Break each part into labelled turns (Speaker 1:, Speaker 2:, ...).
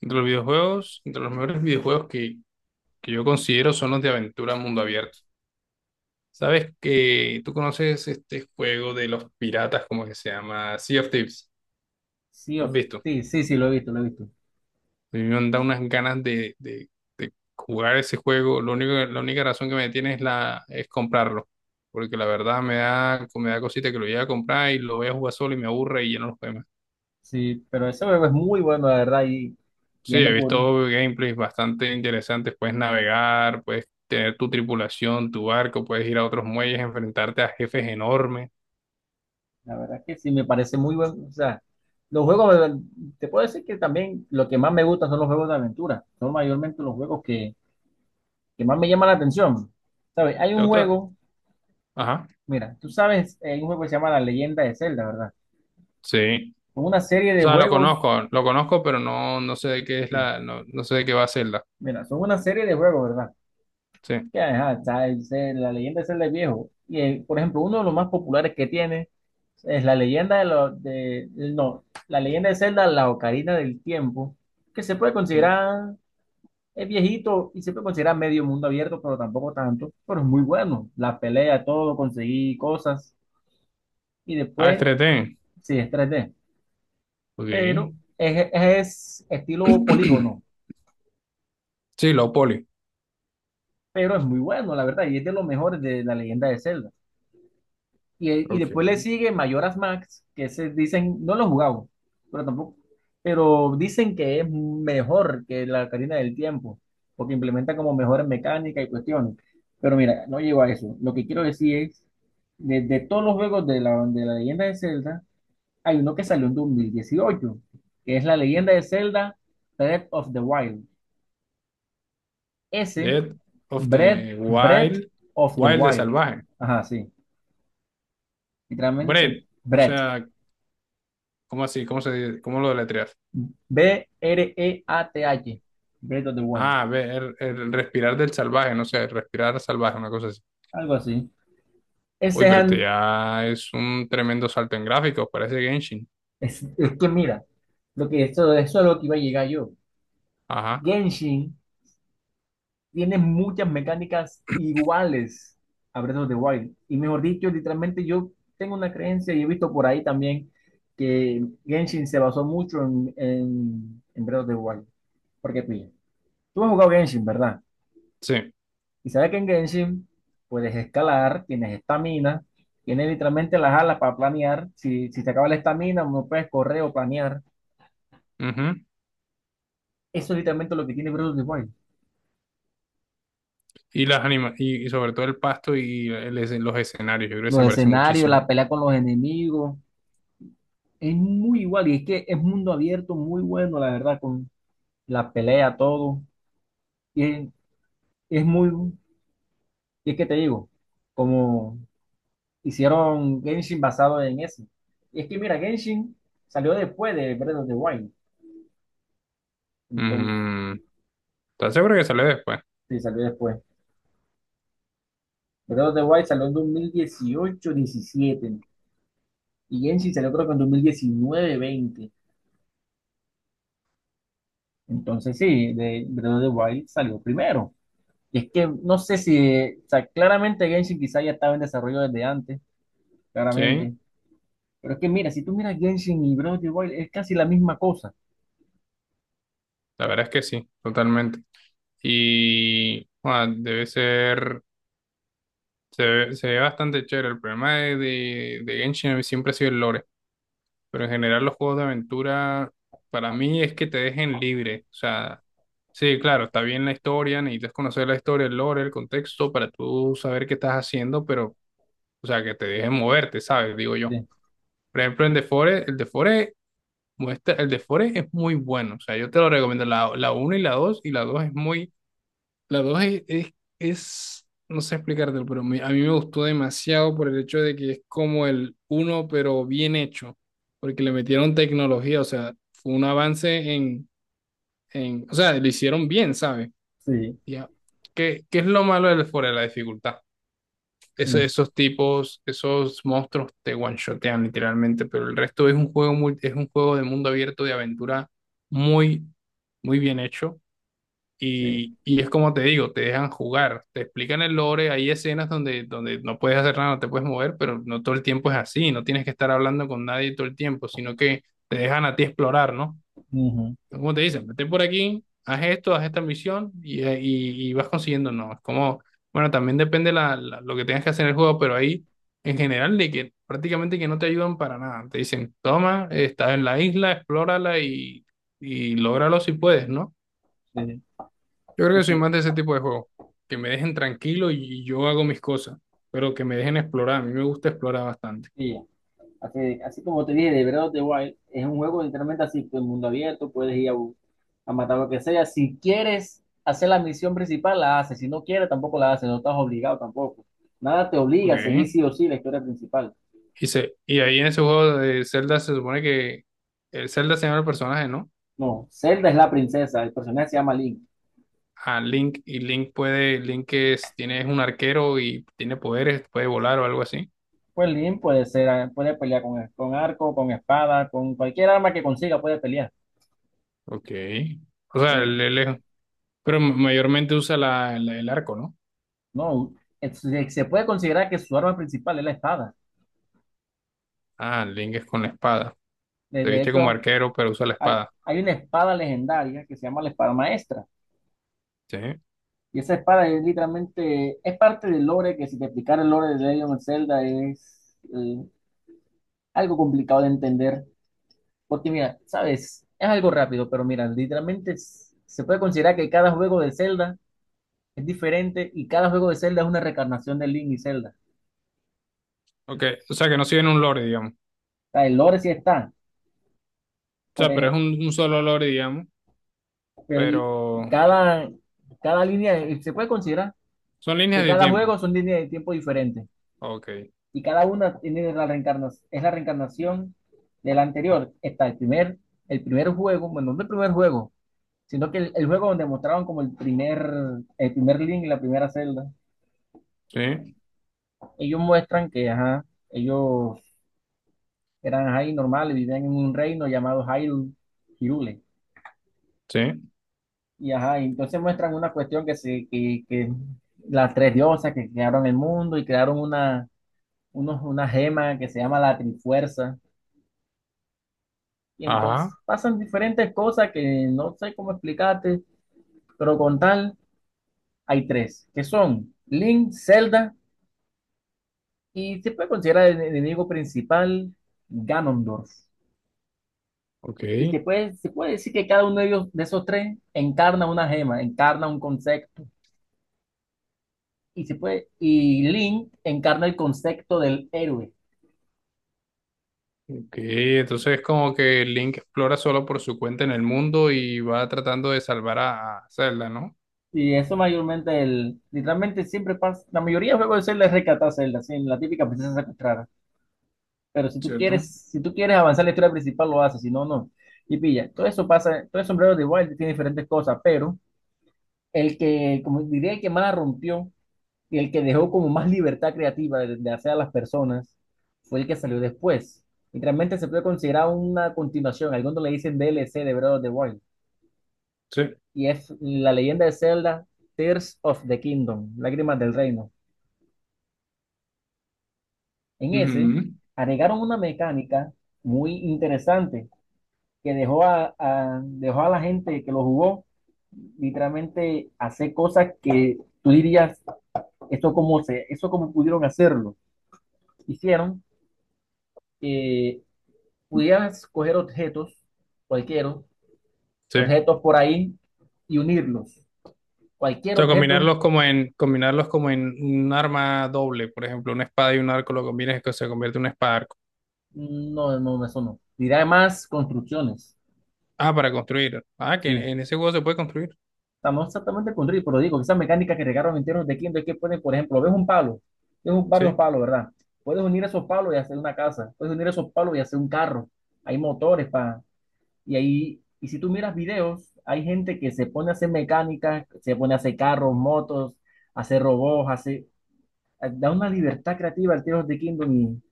Speaker 1: Entre los videojuegos, entre los mejores videojuegos que yo considero son los de aventura mundo abierto. ¿Sabes que tú conoces este juego de los piratas, como que se llama Sea of Thieves?
Speaker 2: Sea
Speaker 1: ¿Lo has
Speaker 2: of
Speaker 1: visto?
Speaker 2: Thieves, sí, sí, lo he visto, lo he visto.
Speaker 1: A mí me da unas ganas de jugar ese juego. Lo único, la única razón que me detiene es comprarlo. Porque la verdad me da cosita que lo llegue a comprar y lo voy a jugar solo y me aburre y ya no lo juego.
Speaker 2: Sí, pero ese juego es muy bueno, la verdad,
Speaker 1: Sí, he
Speaker 2: yendo por,
Speaker 1: visto gameplays bastante interesantes. Puedes navegar, puedes tener tu tripulación, tu barco, puedes ir a otros muelles, enfrentarte a jefes enormes.
Speaker 2: la verdad que sí, me parece muy bueno. O sea, los juegos, te puedo decir que también lo que más me gusta son los juegos de aventura, son mayormente los juegos que más me llaman la atención. ¿Sabes? Hay
Speaker 1: ¿Te
Speaker 2: un
Speaker 1: gusta?
Speaker 2: juego,
Speaker 1: Ajá.
Speaker 2: mira, tú sabes, hay un juego que se llama La Leyenda de Zelda, ¿verdad?
Speaker 1: Sí.
Speaker 2: Son una serie
Speaker 1: O
Speaker 2: de
Speaker 1: sea,
Speaker 2: juegos.
Speaker 1: lo conozco, pero no, no sé de qué es
Speaker 2: Sí.
Speaker 1: la, no, no sé de qué va a ser la.
Speaker 2: Mira, son una serie de juegos, ¿verdad?
Speaker 1: Sí,
Speaker 2: Que ajá, está la leyenda es Zelda viejo. Y por ejemplo, uno de los más populares que tiene es la leyenda de los de no, la leyenda de Zelda, la Ocarina del Tiempo, que se puede
Speaker 1: sí.
Speaker 2: considerar es viejito y se puede considerar medio mundo abierto, pero tampoco tanto, pero es muy bueno. La pelea, todo, conseguí cosas y
Speaker 1: Ah,
Speaker 2: después
Speaker 1: Estreten.
Speaker 2: sí es 3D,
Speaker 1: Ok.
Speaker 2: pero es estilo polígono,
Speaker 1: Sí, lo poli.
Speaker 2: pero es muy bueno, la verdad, y es de los mejores de la leyenda de Zelda. Y después le
Speaker 1: Ok.
Speaker 2: sigue Mayoras Max, que se dicen, no lo he jugado, pero tampoco, pero dicen que es mejor que la Ocarina del Tiempo, porque implementa como mejores mecánicas y cuestiones. Pero mira, no llego a eso. Lo que quiero decir es, de todos los juegos de la leyenda de Zelda, hay uno que salió en 2018, que es la leyenda de Zelda Breath of the Wild. Ese,
Speaker 1: Dead of
Speaker 2: Breath,
Speaker 1: the
Speaker 2: Breath
Speaker 1: Wild.
Speaker 2: of the
Speaker 1: Wild de
Speaker 2: Wild.
Speaker 1: salvaje.
Speaker 2: Ajá, sí. Literalmente,
Speaker 1: Bread. O
Speaker 2: Breath.
Speaker 1: sea, ¿cómo así? ¿Cómo se dice? ¿Cómo lo deletreas?
Speaker 2: B-R-E-A-T-H. Breath of the Wild.
Speaker 1: Ah, ver, el respirar del salvaje, no sé, respirar salvaje, una cosa así.
Speaker 2: Algo así.
Speaker 1: Uy,
Speaker 2: Ese
Speaker 1: pero este ya es un tremendo salto en gráficos, parece Genshin.
Speaker 2: es que mira, lo que esto, eso es lo que iba a llegar yo.
Speaker 1: Ajá,
Speaker 2: Genshin tiene muchas mecánicas iguales a Breath of the Wild. Y mejor dicho, literalmente yo tengo una creencia y he visto por ahí también que Genshin se basó mucho en Breath of the Wild. Porque pilla. Tú has jugado Genshin, ¿verdad?
Speaker 1: sí.
Speaker 2: Y sabes que en Genshin puedes escalar, tienes estamina, tienes literalmente las alas para planear. Si te acaba la estamina, no puedes correr o planear.
Speaker 1: Ujú.
Speaker 2: Eso es literalmente lo que tiene Breath of the Wild.
Speaker 1: Y las anima y sobre todo el pasto y el los escenarios, yo creo que se
Speaker 2: Los
Speaker 1: parece
Speaker 2: escenarios,
Speaker 1: muchísimo.
Speaker 2: la pelea con los enemigos, es muy igual. Y es que es mundo abierto, muy bueno, la verdad, con la pelea, todo. Y es, es muy, y es que te digo, como hicieron Genshin basado en eso. Y es que mira, Genshin salió después de Breath of the Wild. Entonces,
Speaker 1: Mm, ¿estás seguro que sale después?
Speaker 2: sí, salió después. Breath of the Wild salió en 2018-2017 y Genshin salió creo que en 2019-2020. Entonces sí, de Breath of the Wild salió primero. Y es que no sé si, o sea, claramente Genshin quizá ya estaba en desarrollo desde antes, claramente.
Speaker 1: Sí,
Speaker 2: Pero es que mira, si tú miras Genshin y Breath of the Wild es casi la misma cosa.
Speaker 1: la verdad es que sí, totalmente. Y bueno, debe ser, se ve bastante chévere. El problema de Genshin siempre ha sido el lore. Pero en general los juegos de aventura para mí es que te dejen libre. O sea, sí, claro, está bien la historia, necesitas conocer la historia, el lore, el contexto para tú saber qué estás haciendo, pero, o sea, que te dejen moverte, ¿sabes? Digo yo.
Speaker 2: Sí,
Speaker 1: Por ejemplo, en The Forest, el The Forest es muy bueno. O sea, yo te lo recomiendo. La uno y la 2 y la dos es, no sé explicártelo, pero a mí me gustó demasiado por el hecho de que es como el uno pero bien hecho, porque le metieron tecnología, o sea, fue un avance en, o sea, lo hicieron bien, ¿sabes?
Speaker 2: sí,
Speaker 1: Ya. ¿Qué es lo malo del fuera de la dificultad?
Speaker 2: mm,
Speaker 1: Esos tipos, esos monstruos te one-shotean literalmente, pero el resto es un juego muy, es un juego de mundo abierto, de aventura muy, muy bien hecho
Speaker 2: sí,
Speaker 1: y es como te digo, te dejan jugar, te explican el lore, hay escenas donde, donde no puedes hacer nada, no te puedes mover, pero no todo el tiempo es así, no tienes que estar hablando con nadie todo el tiempo, sino que te dejan a ti explorar, ¿no?
Speaker 2: ujú,
Speaker 1: Como te dicen, vete por aquí, haz esto, haz esta misión y vas consiguiendo, ¿no? Es como, bueno, también depende la, lo que tengas que hacer en el juego, pero ahí en general de que prácticamente que no te ayudan para nada, te dicen, toma, estás en la isla, explórala y lógralo si puedes, ¿no?
Speaker 2: sí.
Speaker 1: Yo creo que soy
Speaker 2: Eso,
Speaker 1: más de ese tipo de juegos, que me dejen tranquilo y yo hago mis cosas, pero que me dejen explorar. A mí me gusta explorar bastante.
Speaker 2: sí. Así, así como te dije, de Breath of the Wild es un juego literalmente así, el mundo abierto, puedes ir a, a matar lo que sea. Si quieres hacer la misión principal, la haces. Si no quieres, tampoco la haces. No estás obligado tampoco. Nada te
Speaker 1: Ok.
Speaker 2: obliga a seguir sí o sí la historia principal.
Speaker 1: Y ahí en ese juego de Zelda se supone que el Zelda se llama el personaje, ¿no?
Speaker 2: No, Zelda es la princesa, el personaje se llama Link.
Speaker 1: A Link, y Link puede, Link es, tiene, es un arquero y tiene poderes, puede volar o algo así.
Speaker 2: Pues Link puede ser, puede pelear con arco, con espada, con cualquier arma que consiga puede pelear.
Speaker 1: Ok. O sea,
Speaker 2: Y
Speaker 1: él pero mayormente usa el arco, ¿no?
Speaker 2: no, se puede considerar que su arma principal es la espada.
Speaker 1: Ah, Link es con la espada.
Speaker 2: De
Speaker 1: Se
Speaker 2: de
Speaker 1: viste como
Speaker 2: hecho,
Speaker 1: arquero, pero usa la espada.
Speaker 2: hay una espada legendaria que se llama la espada maestra.
Speaker 1: Sí.
Speaker 2: Y esa espada es literalmente, es parte del lore, que si te explicara el lore de Legend of Zelda es algo complicado de entender. Porque mira, sabes, es algo rápido, pero mira, literalmente es- se puede considerar que cada juego de Zelda es diferente y cada juego de Zelda es una reencarnación de Link y Zelda.
Speaker 1: Ok, o sea que no siguen un lore, digamos.
Speaker 2: O sea, el lore sí está,
Speaker 1: O
Speaker 2: por
Speaker 1: sea, pero es
Speaker 2: ejemplo,
Speaker 1: un solo lore, digamos,
Speaker 2: pero y
Speaker 1: pero
Speaker 2: cada, cada línea, se puede considerar
Speaker 1: son líneas
Speaker 2: que
Speaker 1: de
Speaker 2: cada juego
Speaker 1: tiempo.
Speaker 2: son líneas de tiempo diferentes.
Speaker 1: Ok,
Speaker 2: Y cada una tiene la reencarnación, es la reencarnación del anterior. Está el primer juego, bueno, no el primer juego, sino que el juego donde mostraban como el primer link, la primera celda.
Speaker 1: sí,
Speaker 2: Ellos muestran que, ajá, ellos eran ahí normales, vivían en un reino llamado Hyrule, Hirule.
Speaker 1: sí,
Speaker 2: Y ajá, y entonces muestran una cuestión que las tres diosas que crearon el mundo y crearon una gema que se llama la Trifuerza. Y entonces
Speaker 1: ajá,
Speaker 2: pasan diferentes cosas que no sé cómo explicarte, pero con tal hay tres, que son Link, Zelda y se puede considerar el enemigo principal, Ganondorf.
Speaker 1: ok,
Speaker 2: Y se puede decir que cada uno de ellos, de esos tres, encarna una gema, encarna un concepto. Y se puede, y Link encarna el concepto del héroe.
Speaker 1: ok. Entonces es como que Link explora solo por su cuenta en el mundo y va tratando de salvar a Zelda, ¿no?
Speaker 2: Y eso mayormente, el, literalmente siempre pasa, la mayoría de juegos de Zelda es rescatar a Zelda, así, la típica princesa secuestrada. Pero si tú
Speaker 1: ¿Cierto?
Speaker 2: quieres, si tú quieres avanzar la historia principal, lo haces, si no, no. Y pilla, todo eso pasa, todo el sombrero de Wild tiene diferentes cosas, pero el que, como diría, el que más la rompió y el que dejó como más libertad creativa de hacer a las personas fue el que salió después. Y realmente se puede considerar una continuación, algunos le dicen DLC de Breath of the Wild,
Speaker 1: Sí.
Speaker 2: y es la leyenda de Zelda, Tears of the Kingdom, Lágrimas del Reino. En ese,
Speaker 1: Ujú,
Speaker 2: agregaron una mecánica muy interesante que dejó a, dejó a la gente que lo jugó literalmente hacer cosas que tú dirías, esto cómo se, eso cómo pudieron hacerlo. Hicieron que pudieras coger objetos, cualquiera,
Speaker 1: Sí. O
Speaker 2: objetos por ahí y unirlos. Cualquier
Speaker 1: sea,
Speaker 2: objeto,
Speaker 1: combinarlos como en un arma doble, por ejemplo, una espada y un arco lo combinas y que se convierte en un espada arco.
Speaker 2: no, no, eso no. Y además construcciones.
Speaker 1: Ah, para construir. Ah, que
Speaker 2: Sí.
Speaker 1: en ese juego se puede construir.
Speaker 2: Estamos exactamente con Drill, pero digo, esas mecánicas que regaron enteros de Kindle es que pueden, por ejemplo, ves un palo, ves un- varios
Speaker 1: Sí.
Speaker 2: palos, ¿verdad? Puedes unir esos palos y hacer una casa, puedes unir esos palos y hacer un carro, hay motores para, y ahí, y si tú miras videos, hay gente que se pone a hacer mecánica, se pone a hacer carros, motos, hacer robots, hace, da una libertad creativa al Tears of the Kingdom y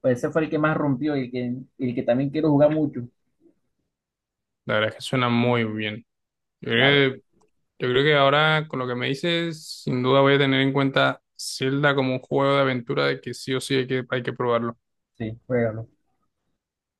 Speaker 2: pues ese fue el que más rompió y el que también quiero jugar mucho,
Speaker 1: La verdad es que suena muy bien.
Speaker 2: la verdad,
Speaker 1: Eh, Yo creo que ahora, con lo que me dices, sin duda voy a tener en cuenta Zelda como un juego de aventura de que sí o sí hay que probarlo.
Speaker 2: sí, juégalo.